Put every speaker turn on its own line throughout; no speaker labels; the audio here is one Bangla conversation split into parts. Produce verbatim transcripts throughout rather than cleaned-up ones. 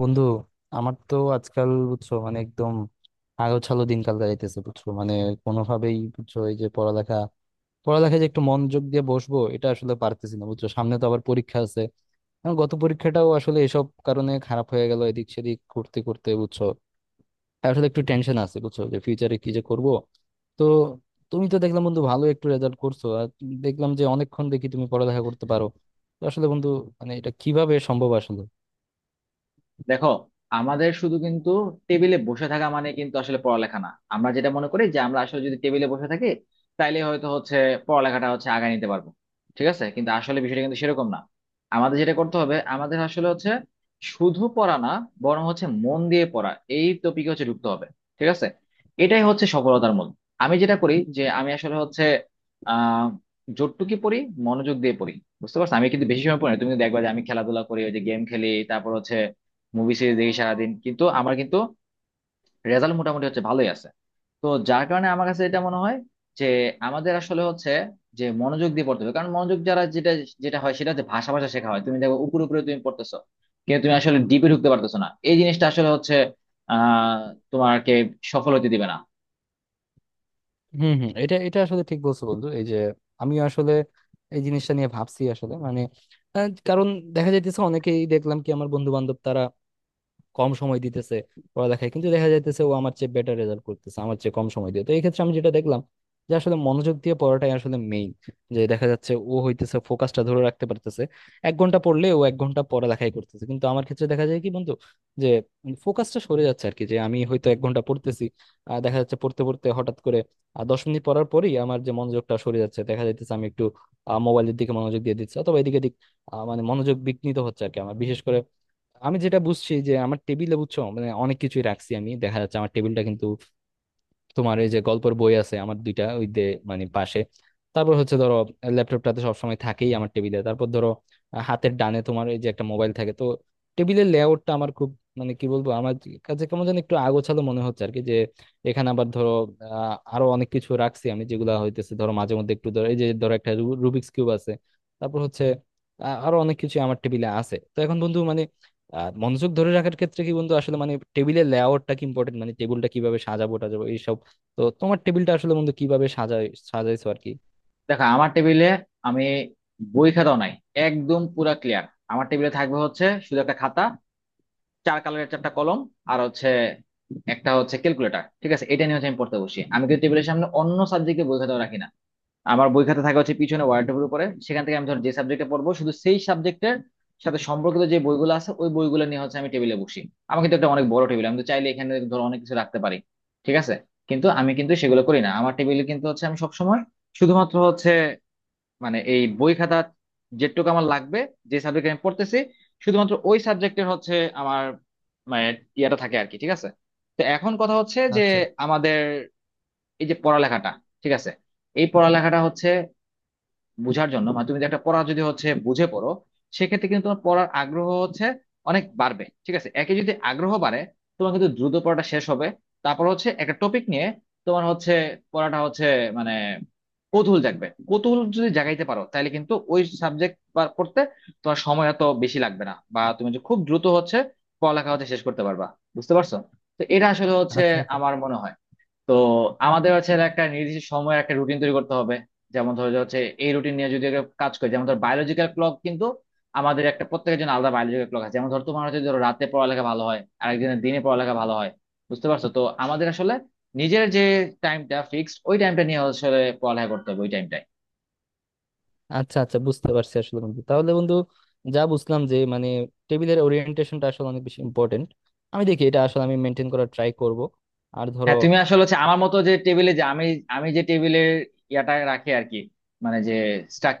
বন্ধু, আমার তো আজকাল বুঝছো মানে একদম আগাছালো দিনকাল কাটাইতেছে, বুঝছো মানে কোনোভাবেই, বুঝছো, এই যে পড়ালেখা পড়ালেখা যে একটু মনোযোগ দিয়ে বসবো, এটা আসলে পারতেছি না, বুঝছো সামনে তো আবার পরীক্ষা আছে। আমার গত পরীক্ষাটাও আসলে এসব কারণে খারাপ হয়ে গেল, এদিক সেদিক করতে করতে, বুঝছো। তাই আসলে একটু টেনশন আছে, বুঝছো, যে ফিউচারে কি যে করব। তো তুমি তো দেখলাম বন্ধু ভালো একটু রেজাল্ট করছো, আর দেখলাম যে অনেকক্ষণ দেখি তুমি পড়ালেখা করতে পারো। তো আসলে বন্ধু, মানে এটা কিভাবে সম্ভব আসলে?
দেখো, আমাদের শুধু কিন্তু টেবিলে বসে থাকা মানে কিন্তু আসলে পড়ালেখা না। আমরা যেটা মনে করি যে আমরা আসলে যদি টেবিলে বসে থাকি, তাইলে হয়তো হচ্ছে পড়ালেখাটা হচ্ছে আগায় নিতে পারবো। ঠিক আছে, কিন্তু আসলে বিষয়টা কিন্তু সেরকম না। আমাদের যেটা করতে হবে, আমাদের আসলে হচ্ছে শুধু পড়া না, বরং হচ্ছে মন দিয়ে পড়া। এই টপিকে হচ্ছে ঢুকতে হবে, ঠিক আছে। এটাই হচ্ছে সফলতার মূল। আমি যেটা করি যে আমি আসলে হচ্ছে আহ যতটুকু পড়ি, মনোযোগ দিয়ে পড়ি। বুঝতে পারছো, আমি কিন্তু বেশি সময় পড়ি না। তুমি কিন্তু দেখবা যে আমি খেলাধুলা করি, ওই যে গেম খেলি, তারপর হচ্ছে মুভি সিরিজ দেখি সারাদিন, কিন্তু আমার কিন্তু রেজাল্ট মোটামুটি হচ্ছে ভালোই আছে। তো যার কারণে আমার কাছে এটা মনে হয় যে আমাদের আসলে হচ্ছে যে মনোযোগ দিয়ে পড়তে হবে। কারণ মনোযোগ যারা যেটা যেটা হয় সেটা হচ্ছে ভাষা ভাষা শেখা হয়। তুমি দেখো, উপরে উপরে তুমি পড়তেছো, কিন্তু তুমি আসলে ডিপে ঢুকতে পারতেছো না। এই জিনিসটা আসলে হচ্ছে আহ তোমাকে সফল হতে দিবে না।
হম, হম, এটা এটা আসলে ঠিক বলছো বন্ধু। এই যে আমি আসলে এই জিনিসটা নিয়ে ভাবছি আসলে, মানে আহ, কারণ দেখা যাইতেছে অনেকেই, দেখলাম কি আমার বন্ধু বান্ধব, তারা কম সময় দিতেছে পড়ালেখায়, কিন্তু দেখা যাইতেছে ও আমার চেয়ে বেটার রেজাল্ট করতেছে আমার চেয়ে কম সময় দিয়ে। তো এই ক্ষেত্রে আমি যেটা দেখলাম যে আসলে মনোযোগ দিয়ে পড়াটাই আসলে মেইন। যে দেখা যাচ্ছে ও হইতেছে ফোকাসটা ধরে রাখতে পারতেছে। এক ঘন্টা পড়লে ও এক ঘন্টা পড়ালেখাই করতেছে, কিন্তু আমার ক্ষেত্রে দেখা যায় কি বন্ধু, যে ফোকাসটা সরে যাচ্ছে আর কি, যে আমি হয়তো এক ঘন্টা পড়তেছি, আর দেখা যাচ্ছে পড়তে পড়তে হঠাৎ করে আর দশ মিনিট পড়ার পরই আমার যে মনোযোগটা সরে যাচ্ছে, দেখা যাইতেছে আমি একটু মোবাইলের দিকে মনোযোগ দিয়ে দিচ্ছি অথবা এদিকে দিক। আহ, মানে মনোযোগ বিঘ্নিত হচ্ছে আর কি আমার। বিশেষ করে আমি যেটা বুঝছি যে আমার টেবিলে, বুঝছো মানে অনেক কিছুই রাখছি আমি। দেখা যাচ্ছে আমার টেবিলটা কিন্তু, তোমার এই যে গল্পের বই আছে, আমার দুইটা ওই দে, মানে পাশে। তারপর হচ্ছে ধরো ল্যাপটপটাতে সবসময় থাকেই আমার টেবিলে। তারপর ধরো আহ, হাতের ডানে তোমার এই যে একটা মোবাইল থাকে। তো টেবিলের লেআউটটা আমার খুব, মানে কি বলবো, আমার কাছে কেমন যেন একটু আগোছালো মনে হচ্ছে আর কি। যে এখানে আবার ধরো আহ, আরো অনেক কিছু রাখছি আমি, যেগুলা হইতেছে ধরো মাঝে মধ্যে একটু, ধরো এই যে, ধরো একটা রু- রুবিক্স কিউব আছে। তারপর হচ্ছে আহ, আরো অনেক কিছু আমার টেবিলে আছে। তো এখন বন্ধু মানে আহ, মনোযোগ ধরে রাখার ক্ষেত্রে কি বন্ধু আসলে মানে টেবিলের লেআউটটা কি ইম্পর্টেন্ট? মানে টেবিলটা কিভাবে সাজাবো টাজাবো এইসব। তো তোমার টেবিলটা আসলে বন্ধু কিভাবে সাজাই সাজাইছো আর কি?
দেখো, আমার টেবিলে আমি বই খাতাও নাই, একদম পুরা ক্লিয়ার। আমার টেবিলে থাকবে হচ্ছে শুধু একটা খাতা, চার কালারের চারটা কলম, আর হচ্ছে একটা হচ্ছে ক্যালকুলেটর। ঠিক আছে, এটা নিয়ে হচ্ছে আমি পড়তে বসি। আমি কিন্তু টেবিলের সামনে অন্য সাবজেক্টে বই খাতাও রাখি না। আমার বই খাতা থাকে হচ্ছে পিছনে ওয়ার্ডের উপরে, সেখান থেকে আমি ধর যে সাবজেক্টে পড়বো, শুধু সেই সাবজেক্টের সাথে সম্পর্কিত যে বইগুলো আছে, ওই বইগুলো নিয়ে হচ্ছে আমি টেবিলে বসি। আমার কিন্তু একটা অনেক বড় টেবিল, আমি তো চাইলে এখানে ধর অনেক কিছু রাখতে পারি, ঠিক আছে। কিন্তু আমি কিন্তু সেগুলো
হুম।
করি না। আমার টেবিলে কিন্তু হচ্ছে আমি সবসময় শুধুমাত্র হচ্ছে, মানে এই বই খাতা যেটুকু আমার লাগবে, যে সাবজেক্ট আমি পড়তেছি শুধুমাত্র ওই সাবজেক্টের হচ্ছে আমার, মানে ইয়েটা থাকে আর কি, ঠিক আছে। তো এখন কথা হচ্ছে যে
আচ্ছা।
আমাদের এই যে পড়ালেখাটা, ঠিক আছে, এই পড়ালেখাটা হচ্ছে বুঝার জন্য। মানে তুমি যদি একটা পড়া যদি হচ্ছে বুঝে পড়ো, সেক্ষেত্রে কিন্তু তোমার পড়ার আগ্রহ হচ্ছে অনেক বাড়বে। ঠিক আছে, একে যদি আগ্রহ বাড়ে, তোমার কিন্তু দ্রুত পড়াটা শেষ হবে। তারপর হচ্ছে একটা টপিক নিয়ে তোমার হচ্ছে পড়াটা হচ্ছে মানে কৌতূহল জাগবে। কৌতূহল যদি জাগাইতে পারো, তাহলে কিন্তু ওই সাবজেক্ট পড়তে তোমার সময় এত বেশি লাগবে না, বা তুমি যে খুব দ্রুত হচ্ছে পড়ালেখা হচ্ছে শেষ করতে পারবা। বুঝতে পারছো, তো এটা আসলে হচ্ছে
আচ্ছা, আচ্ছা,
আমার মনে হয়। তো আমাদের হচ্ছে একটা নির্দিষ্ট সময়ের একটা রুটিন তৈরি করতে হবে। যেমন ধরো যে হচ্ছে এই রুটিন নিয়ে যদি একটা কাজ করি, যেমন ধর বায়োলজিক্যাল ক্লক কিন্তু আমাদের একটা প্রত্যেকের জন্য আলাদা বায়োলজিক্যাল ক্লক আছে। যেমন ধর তোমার হচ্ছে ধরো রাতে পড়ালেখা ভালো হয়, আর একদিনের দিনে পড়ালেখা ভালো হয়। বুঝতে পারছো, তো আমাদের আসলে নিজের যে টাইমটা ফিক্সড, ওই টাইমটা নিয়ে আসলে পড়ালেখা করতে হবে, ওই টাইমটাই।
আচ্ছা, আচ্ছা বুঝতে পারছি আসলে বন্ধু। তাহলে বন্ধু যা বুঝলাম যে মানে টেবিলের ওরিয়েন্টেশনটা আসলে অনেক বেশি ইম্পর্টেন্ট। আমি দেখি এটা আসলে আমি মেনটেন করার ট্রাই করব। আর ধরো
হ্যাঁ, তুমি আসলে হচ্ছে আমার মতো যে টেবিলে, যে আমি আমি যে টেবিলের ইয়াটা রাখি আর কি, মানে যে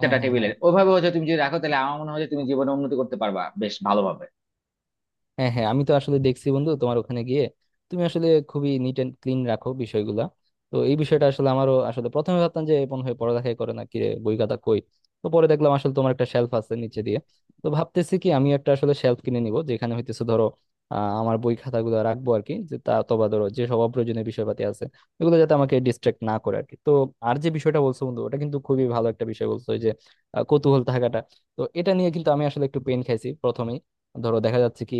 হ্যাঁ, হ্যাঁ,
টেবিলের
হ্যাঁ,
ওইভাবে হচ্ছে তুমি যদি রাখো, তাহলে আমার মনে হয় যে তুমি জীবনে উন্নতি করতে পারবা বেশ ভালোভাবে।
হ্যাঁ, হ্যাঁ, আমি তো আসলে দেখছি বন্ধু তোমার ওখানে গিয়ে, তুমি আসলে খুবই নিট এন্ড ক্লিন রাখো বিষয়গুলা। তো এই বিষয়টা আসলে, আমারও আসলে প্রথমে ভাবতাম যে মনে হয় পড়ালেখাই করে না কি রে, বই খাতা কই। তো পরে দেখলাম আসলে তোমার একটা শেলফ আছে নিচে দিয়ে। তো ভাবতেছি কি আমি একটা আসলে শেলফ কিনে নিব, যেখানে হইতেছে ধরো আহ, আমার বই খাতাগুলো রাখবো আর কি, যে তা অথবা ধরো যে সব অপ্রয়োজনীয় বিষয়পাতি আছে এগুলো, যাতে আমাকে ডিস্ট্রাক্ট না করে আর কি। তো আর যে বিষয়টা বলছো বন্ধু, ওটা কিন্তু খুবই ভালো একটা বিষয় বলছো, ওই যে আহ, কৌতূহল থাকাটা। তো এটা নিয়ে কিন্তু আমি আসলে একটু পেন খাইছি প্রথমেই। ধরো দেখা যাচ্ছে কি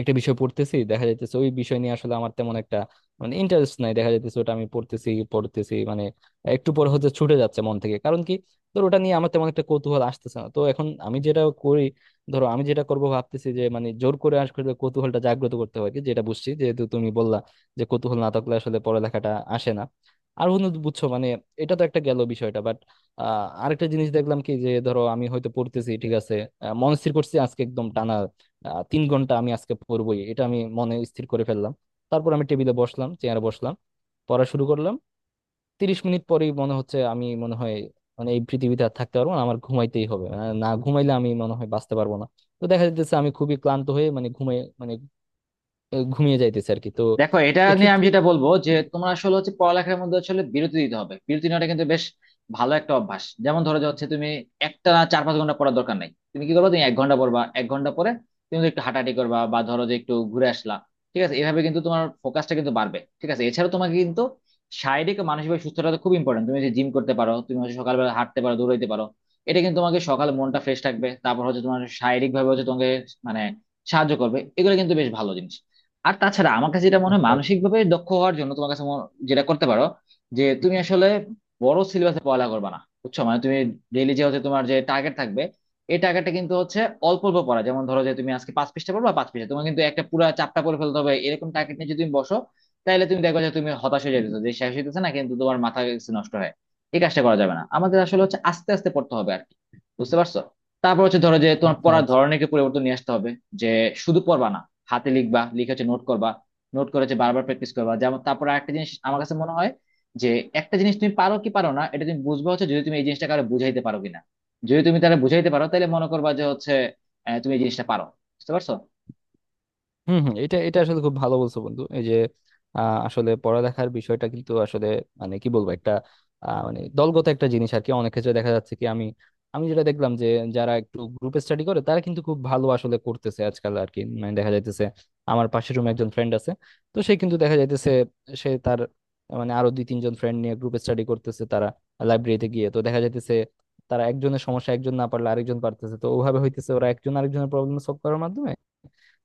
একটা বিষয় পড়তেছি, দেখা যাইতেছে ওই বিষয় নিয়ে আসলে আমার তেমন একটা মানে ইন্টারেস্ট নাই। দেখা যাইতেছে ওটা আমি পড়তেছি পড়তেছি মানে একটু পরে হচ্ছে ছুটে যাচ্ছে মন থেকে। কারণ কি, ধর ওটা নিয়ে আমার তেমন একটা কৌতূহল আসতেছে না। তো এখন আমি যেটা করি, ধরো আমি যেটা করবো ভাবতেছি যে মানে জোর করে আসলে কৌতূহলটা জাগ্রত করতে হয় আর কি, যেটা বুঝছি যেহেতু তুমি বললা যে কৌতূহল না থাকলে আসলে পড়ালেখাটা আসে না। আর বন্ধু বুঝছো মানে এটা তো একটা গেল বিষয়টা, বাট আহ আরেকটা জিনিস দেখলাম কি, যে ধরো আমি হয়তো পড়তেছি, ঠিক আছে, আহ, মনস্থির করছি আজকে একদম টানা আহ, তিন ঘন্টা আমি আজকে পড়বই, এটা আমি মনে স্থির করে ফেললাম। তারপর আমি টেবিলে বসলাম, চেয়ারে বসলাম, পড়া শুরু করলাম, তিরিশ মিনিট পরেই মনে হচ্ছে আমি মনে হয় মানে এই পৃথিবীতে আর থাকতে পারবো না, আমার ঘুমাইতেই হবে। আহ, না ঘুমাইলে আমি মনে হয় বাঁচতে পারবো না। তো দেখা যাচ্ছে আমি খুবই ক্লান্ত হয়ে মানে ঘুমিয়ে মানে আহ, ঘুমিয়ে যাইতেছে আর কি। তো
দেখো, এটা নিয়ে আমি
এক্ষেত্রে
যেটা বলবো যে তোমরা আসলে হচ্ছে পড়ালেখার মধ্যে আসলে বিরতি দিতে হবে। বিরতি নেওয়াটা কিন্তু বেশ ভালো একটা অভ্যাস। যেমন ধরো যে হচ্ছে তুমি একটা চার পাঁচ ঘন্টা পড়ার দরকার নাই। তুমি কি করবা, তুমি এক ঘন্টা পড়বা, এক ঘন্টা পরে তুমি একটু হাঁটাহাঁটি করবা বা ধরো যে একটু ঘুরে আসলা। ঠিক আছে, এভাবে কিন্তু তোমার ফোকাসটা কিন্তু বাড়বে। ঠিক আছে, এছাড়া তোমাকে কিন্তু শারীরিক ও মানসিকভাবে সুস্থতা তো খুব ইম্পর্টেন্ট। তুমি যে জিম করতে পারো, তুমি হচ্ছে সকালবেলা হাঁটতে পারো, দৌড়াইতে পারো। এটা কিন্তু তোমাকে সকালে মনটা ফ্রেশ থাকবে, তারপর হচ্ছে তোমার শারীরিক ভাবে হচ্ছে তোমাকে মানে সাহায্য করবে। এগুলো কিন্তু বেশ ভালো জিনিস। আর তাছাড়া আমার কাছে যেটা মনে হয়,
আচ্ছা,
মানসিক
আচ্ছা,
ভাবে দক্ষ হওয়ার জন্য তোমার কাছে মনে- যেটা করতে পারো যে তুমি আসলে বড় সিলেবাসে পড়ালেখা করবে না। বুঝছো, মানে তুমি ডেইলি যে হচ্ছে তোমার যে টার্গেট থাকবে, এই টার্গেটটা কিন্তু হচ্ছে অল্প অল্প পড়া। যেমন ধরো যে তুমি আজকে পাঁচ পৃষ্ঠা পড়বা, পাঁচ পৃষ্ঠা তোমার কিন্তু একটা পুরো চাপটা পড়ে ফেলতে হবে, এরকম টার্গেট নিয়ে যদি তুমি বসো, তাহলে তুমি দেখো যে তুমি হতাশ হয়ে যেতেছো যে শেষ হইতেছে না, কিন্তু তোমার মাথা গেছে নষ্ট হয়। এই কাজটা করা যাবে না। আমাদের আসলে হচ্ছে আস্তে আস্তে পড়তে হবে আর কি। বুঝতে পারছো, তারপর হচ্ছে ধরো যে তোমার
আচ্ছা,
পড়ার
আচ্ছা।
ধরনেরকে পরিবর্তন নিয়ে আসতে হবে। যে শুধু পড়বা না, হাতে লিখবা, লিখে হচ্ছে নোট করবা, নোট করে হচ্ছে বারবার প্র্যাকটিস করবা। যেমন তারপর একটা জিনিস আমার কাছে মনে হয় যে একটা জিনিস তুমি পারো কি পারো না, এটা তুমি বুঝবা হচ্ছে যদি তুমি এই জিনিসটা কারো বুঝাইতে পারো কিনা। যদি তুমি তারা বুঝাইতে পারো, তাহলে মনে করবা যে হচ্ছে আহ, তুমি এই জিনিসটা পারো। বুঝতে পারছো,
হম, হম, এটা এটা আসলে খুব ভালো বলছো বন্ধু। এই যে আহ, আসলে পড়ালেখার বিষয়টা কিন্তু আসলে, মানে কি বলবো, একটা আহ, মানে দলগত একটা জিনিস আর কি। অনেক ক্ষেত্রে দেখা যাচ্ছে কি আমি আমি যেটা দেখলাম যে যারা একটু গ্রুপে স্টাডি করে তারা কিন্তু খুব ভালো আসলে করতেছে আজকাল আর কি। মানে দেখা যাইতেছে আমার পাশের রুমে একজন ফ্রেন্ড আছে, তো সে কিন্তু দেখা যাইতেছে সে তার মানে আরো দুই তিনজন ফ্রেন্ড নিয়ে গ্রুপে স্টাডি করতেছে। তারা লাইব্রেরিতে গিয়ে, তো দেখা যাইতেছে তারা একজনের সমস্যা একজন না পারলে আরেকজন পারতেছে। তো ওভাবে হইতেছে ওরা একজন আরেকজনের প্রবলেম সলভ করার মাধ্যমে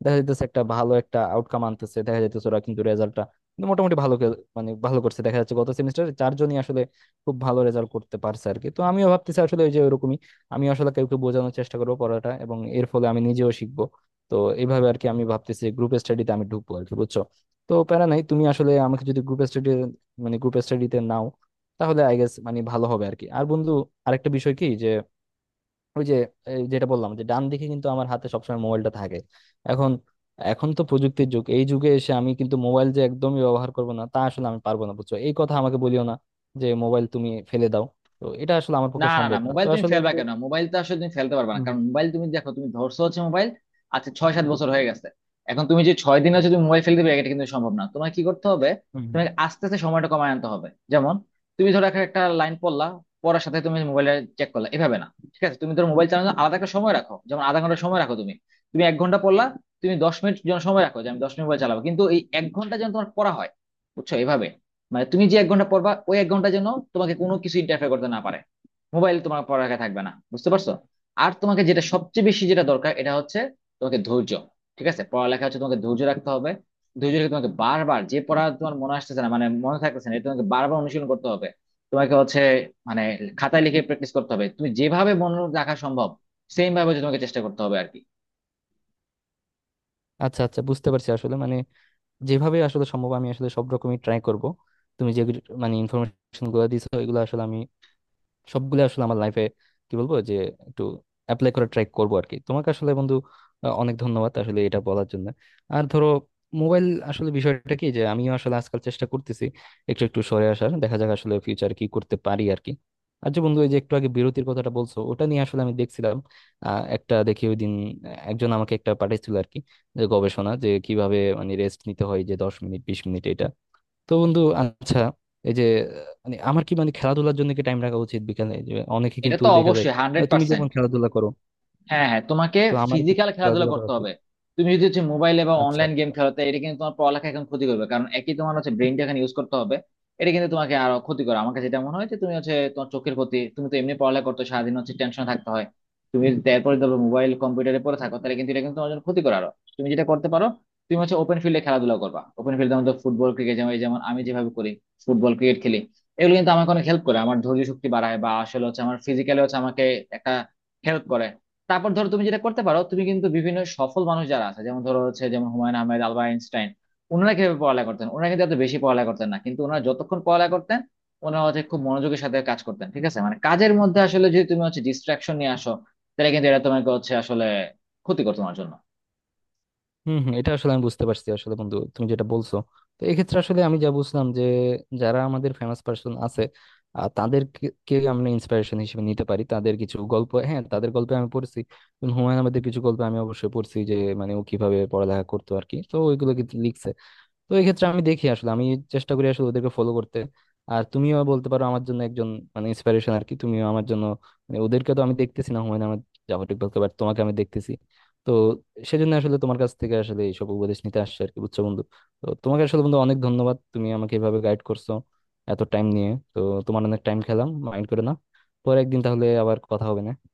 দেখা যাইতেছে একটা ভালো একটা আউটকাম আনতেছে। দেখা যাইতেছে ওরা কিন্তু রেজাল্টটা কিন্তু মোটামুটি ভালো কে- মানে ভালো করছে। দেখা যাচ্ছে গত সেমিস্টারে চারজনই আসলে খুব ভালো রেজাল্ট করতে পারছে আর কি। তো আমিও ভাবতেছি আসলে ওই যে ওরকমই আমি আসলে কাউকে বোঝানোর চেষ্টা করবো পড়াটা, এবং এর ফলে আমি নিজেও শিখবো। তো এইভাবে আর কি আমি ভাবতেছি গ্রুপ স্টাডিতে আমি ঢুকবো আর কি, বুঝছো। তো প্যারা নাই, তুমি আসলে আমাকে যদি গ্রুপ স্টাডি মানে গ্রুপ স্টাডিতে নাও, তাহলে আই গেস মানে ভালো হবে আর কি। আর বন্ধু আরেকটা বিষয় কি যে ওই যে এই যেটা বললাম যে ডান দিকে কিন্তু আমার হাতে সবসময় মোবাইলটা থাকে। এখন এখন তো প্রযুক্তির যুগ, এই যুগে এসে আমি কিন্তু মোবাইল যে একদমই ব্যবহার করব না, তা আসলে আমি পারবো না, বুঝছো। এই কথা আমাকে বলিও না যে মোবাইল তুমি ফেলে দাও। তো এটা আসলে আমার
না
পক্ষে
না না,
সম্ভব না, তো
মোবাইল তুমি
আসলে
ফেলবা
বন্ধু
কেন? মোবাইল তো আসলে তুমি ফেলতে পারবে না,
হুম,
কারণ মোবাইল তুমি দেখো তুমি ধরছো হচ্ছে মোবাইল। আচ্ছা, ছয় সাত বছর হয়ে গেছে। এখন তুমি যে ছয় দিন
হুম,
হচ্ছে তুমি মোবাইল ফেলতে দেবে, এটা কিন্তু সম্ভব না। তোমার কি করতে হবে,
হুম, হুম।
তোমাকে আস্তে আস্তে সময়টা কমায় আনতে হবে। যেমন তুমি ধরো একটা একটা লাইন পড়লা, পড়ার সাথে তুমি মোবাইলে চেক করলা, এভাবে না। ঠিক আছে, তুমি ধরো মোবাইল চালানোর জন্য আলাদা একটা সময় রাখো, যেমন আধা ঘন্টা সময় রাখো তুমি। তুমি এক ঘন্টা পড়লা, তুমি দশ মিনিট যেন সময় রাখো যে আমি দশ মিনিট মোবাইল চালাবো, কিন্তু এই এক ঘন্টা যেন তোমার পড়া হয়। বুঝছো, এভাবে মানে তুমি যে এক ঘন্টা পড়বা, ওই এক ঘন্টা যেন তোমাকে কোনো কিছু ইন্টারফেয়ার করতে না পারে। মোবাইল তোমার পড়ার আগে থাকবে না। বুঝতে পারছো, আর তোমাকে যেটা সবচেয়ে বেশি যেটা দরকার, এটা হচ্ছে তোমাকে ধৈর্য। ঠিক আছে, পড়ালেখা হচ্ছে তোমাকে ধৈর্য রাখতে হবে। ধৈর্য রেখে তোমাকে বারবার, যে পড়া তোমার মনে আসতেছে না, মানে মনে থাকতেছে না, এটা তোমাকে বারবার অনুশীলন করতে হবে। তোমাকে হচ্ছে মানে খাতায় লিখে প্র্যাকটিস করতে হবে। তুমি যেভাবে মনে রাখা সম্ভব, সেম ভাবে হচ্ছে তোমাকে চেষ্টা করতে হবে আর কি।
আচ্ছা, আচ্ছা বুঝতে পারছি আসলে মানে যেভাবে আসলে সম্ভব আমি আসলে সব রকমই ট্রাই করব। তুমি যে মানে ইনফরমেশন গুলো দিছো এগুলো আসলে আমি সবগুলো আসলে আমার লাইফে, কি বলবো যে, একটু অ্যাপ্লাই করে ট্রাই করবো আর কি। তোমাকে আসলে বন্ধু আহ, অনেক ধন্যবাদ আসলে এটা বলার জন্য। আর ধরো মোবাইল আসলে বিষয়টা কি যে আমিও আসলে আজকাল চেষ্টা করতেছি একটু একটু সরে আসার, দেখা যাক আসলে ফিউচার কি করতে পারি আর কি। আর যে বন্ধু এই যে একটু আগে বিরতির কথাটা বলছো ওটা নিয়ে আসলে আমি দেখছিলাম আহ, একটা, দেখি ওই দিন একজন আমাকে একটা পাঠিয়েছিল আর কি, যে গবেষণা যে কিভাবে মানে রেস্ট নিতে হয়, যে দশ মিনিট বিশ মিনিট এটা। তো বন্ধু আচ্ছা, এই যে আহ, মানে আমার কি মানে খেলাধুলার জন্য কি টাইম রাখা উচিত বিকালে? যে অনেকে
এটা
কিন্তু
তো
দেখা যায়
অবশ্যই হান্ড্রেড
আহ, তুমি যেমন
পার্সেন্ট
খেলাধুলা করো,
হ্যাঁ হ্যাঁ, তোমাকে
তো আমার কি
ফিজিক্যাল খেলাধুলা
খেলাধুলা করা
করতে
উচিত?
হবে। তুমি যদি হচ্ছে মোবাইলে বা
আচ্ছা,
অনলাইন গেম
আচ্ছা।
খেলো, তো এটা কিন্তু তোমার পড়ালেখা এখন ক্ষতি করবে, কারণ একই তোমার হচ্ছে ব্রেনটা এখানে ইউজ করতে হবে। এটা কিন্তু তোমাকে আরো ক্ষতি করে। আমার কাছে যেটা মনে হয় যে তুমি হচ্ছে তোমার চোখের ক্ষতি, তুমি তো এমনি পড়ালেখা করতে হয়, সারাদিন হচ্ছে টেনশন থাকতে হয়। তুমি যদি তারপরে ধরো মোবাইল কম্পিউটারে পড়ে থাকো, তাহলে কিন্তু এটা কিন্তু তোমার জন্য ক্ষতি করে আরো। তুমি যেটা করতে পারো, তুমি হচ্ছে ওপেন ফিল্ডে খেলাধুলা করবা। ওপেন ফিল্ডে আমাদের ফুটবল ক্রিকেট, যেমন এই যেমন আমি যেভাবে করি, ফুটবল ক্রিকেট খেলি, এগুলো কিন্তু আমাকে অনেক হেল্প করে। আমার ধৈর্য শক্তি বাড়ায়, বা আসলে হচ্ছে আমার ফিজিক্যালি হচ্ছে আমাকে একটা হেল্প করে। তারপর ধরো তুমি যেটা করতে পারো, তুমি কিন্তু বিভিন্ন সফল মানুষ যারা আছে, যেমন ধরো হচ্ছে যেমন হুমায়ুন আহমেদ, আলবার্ট আইনস্টাইন, ওনারা কিভাবে পড়ালেখা করতেন? ওনারা কিন্তু এত বেশি পড়ালেখা করতেন না, কিন্তু ওনারা যতক্ষণ পড়ালেখা করতেন, ওনারা হচ্ছে খুব মনোযোগের সাথে কাজ করতেন। ঠিক আছে, মানে কাজের মধ্যে আসলে যদি তুমি হচ্ছে ডিস্ট্রাকশন নিয়ে আসো, তাহলে কিন্তু এটা তোমাকে হচ্ছে আসলে ক্ষতি করতো তোমার জন্য।
হম, হম, এটা আসলে আমি বুঝতে পারছি আসলে বন্ধু তুমি যেটা বলছো। তো এক্ষেত্রে আসলে আমি যা বুঝলাম যে যারা আমাদের ফেমাস পার্সন আছে, আহ, তাদেরকে কে আমরা ইন্সপিরেশন হিসেবে নিতে পারি। তাদের কিছু গল্প, হ্যাঁ, তাদের গল্পে আমি পড়ছি, যেমন হুমায়ুন আহমেদের কিছু গল্প আমি অবশ্যই পড়ছি, যে মানে ও কিভাবে পড়ালেখা করতো আর কি, তো ওইগুলো কিন্তু লিখছে। তো এই ক্ষেত্রে আমি দেখি আসলে আমি চেষ্টা করি আসলে ওদেরকে ফলো করতে। আর তুমিও বলতে পারো আমার জন্য একজন মানে ইন্সপিরেশন আর কি, তুমিও আমার জন্য, মানে ওদেরকে তো আমি দেখতেছি না, হুমায়ুন আহমেদ জাফর ইকবালকে, বাট তোমাকে আমি দেখতেছি। তো সেজন্য আসলে তোমার কাছ থেকে আসলে এইসব উপদেশ নিতে আসছে আর কি, বুঝছো বন্ধু। তো তোমাকে আসলে বন্ধু অনেক ধন্যবাদ, তুমি আমাকে এভাবে গাইড করছো এত টাইম নিয়ে। তো তোমার অনেক টাইম খেলাম, মাইন্ড করে না। পরে একদিন তাহলে আবার কথা হবে, না?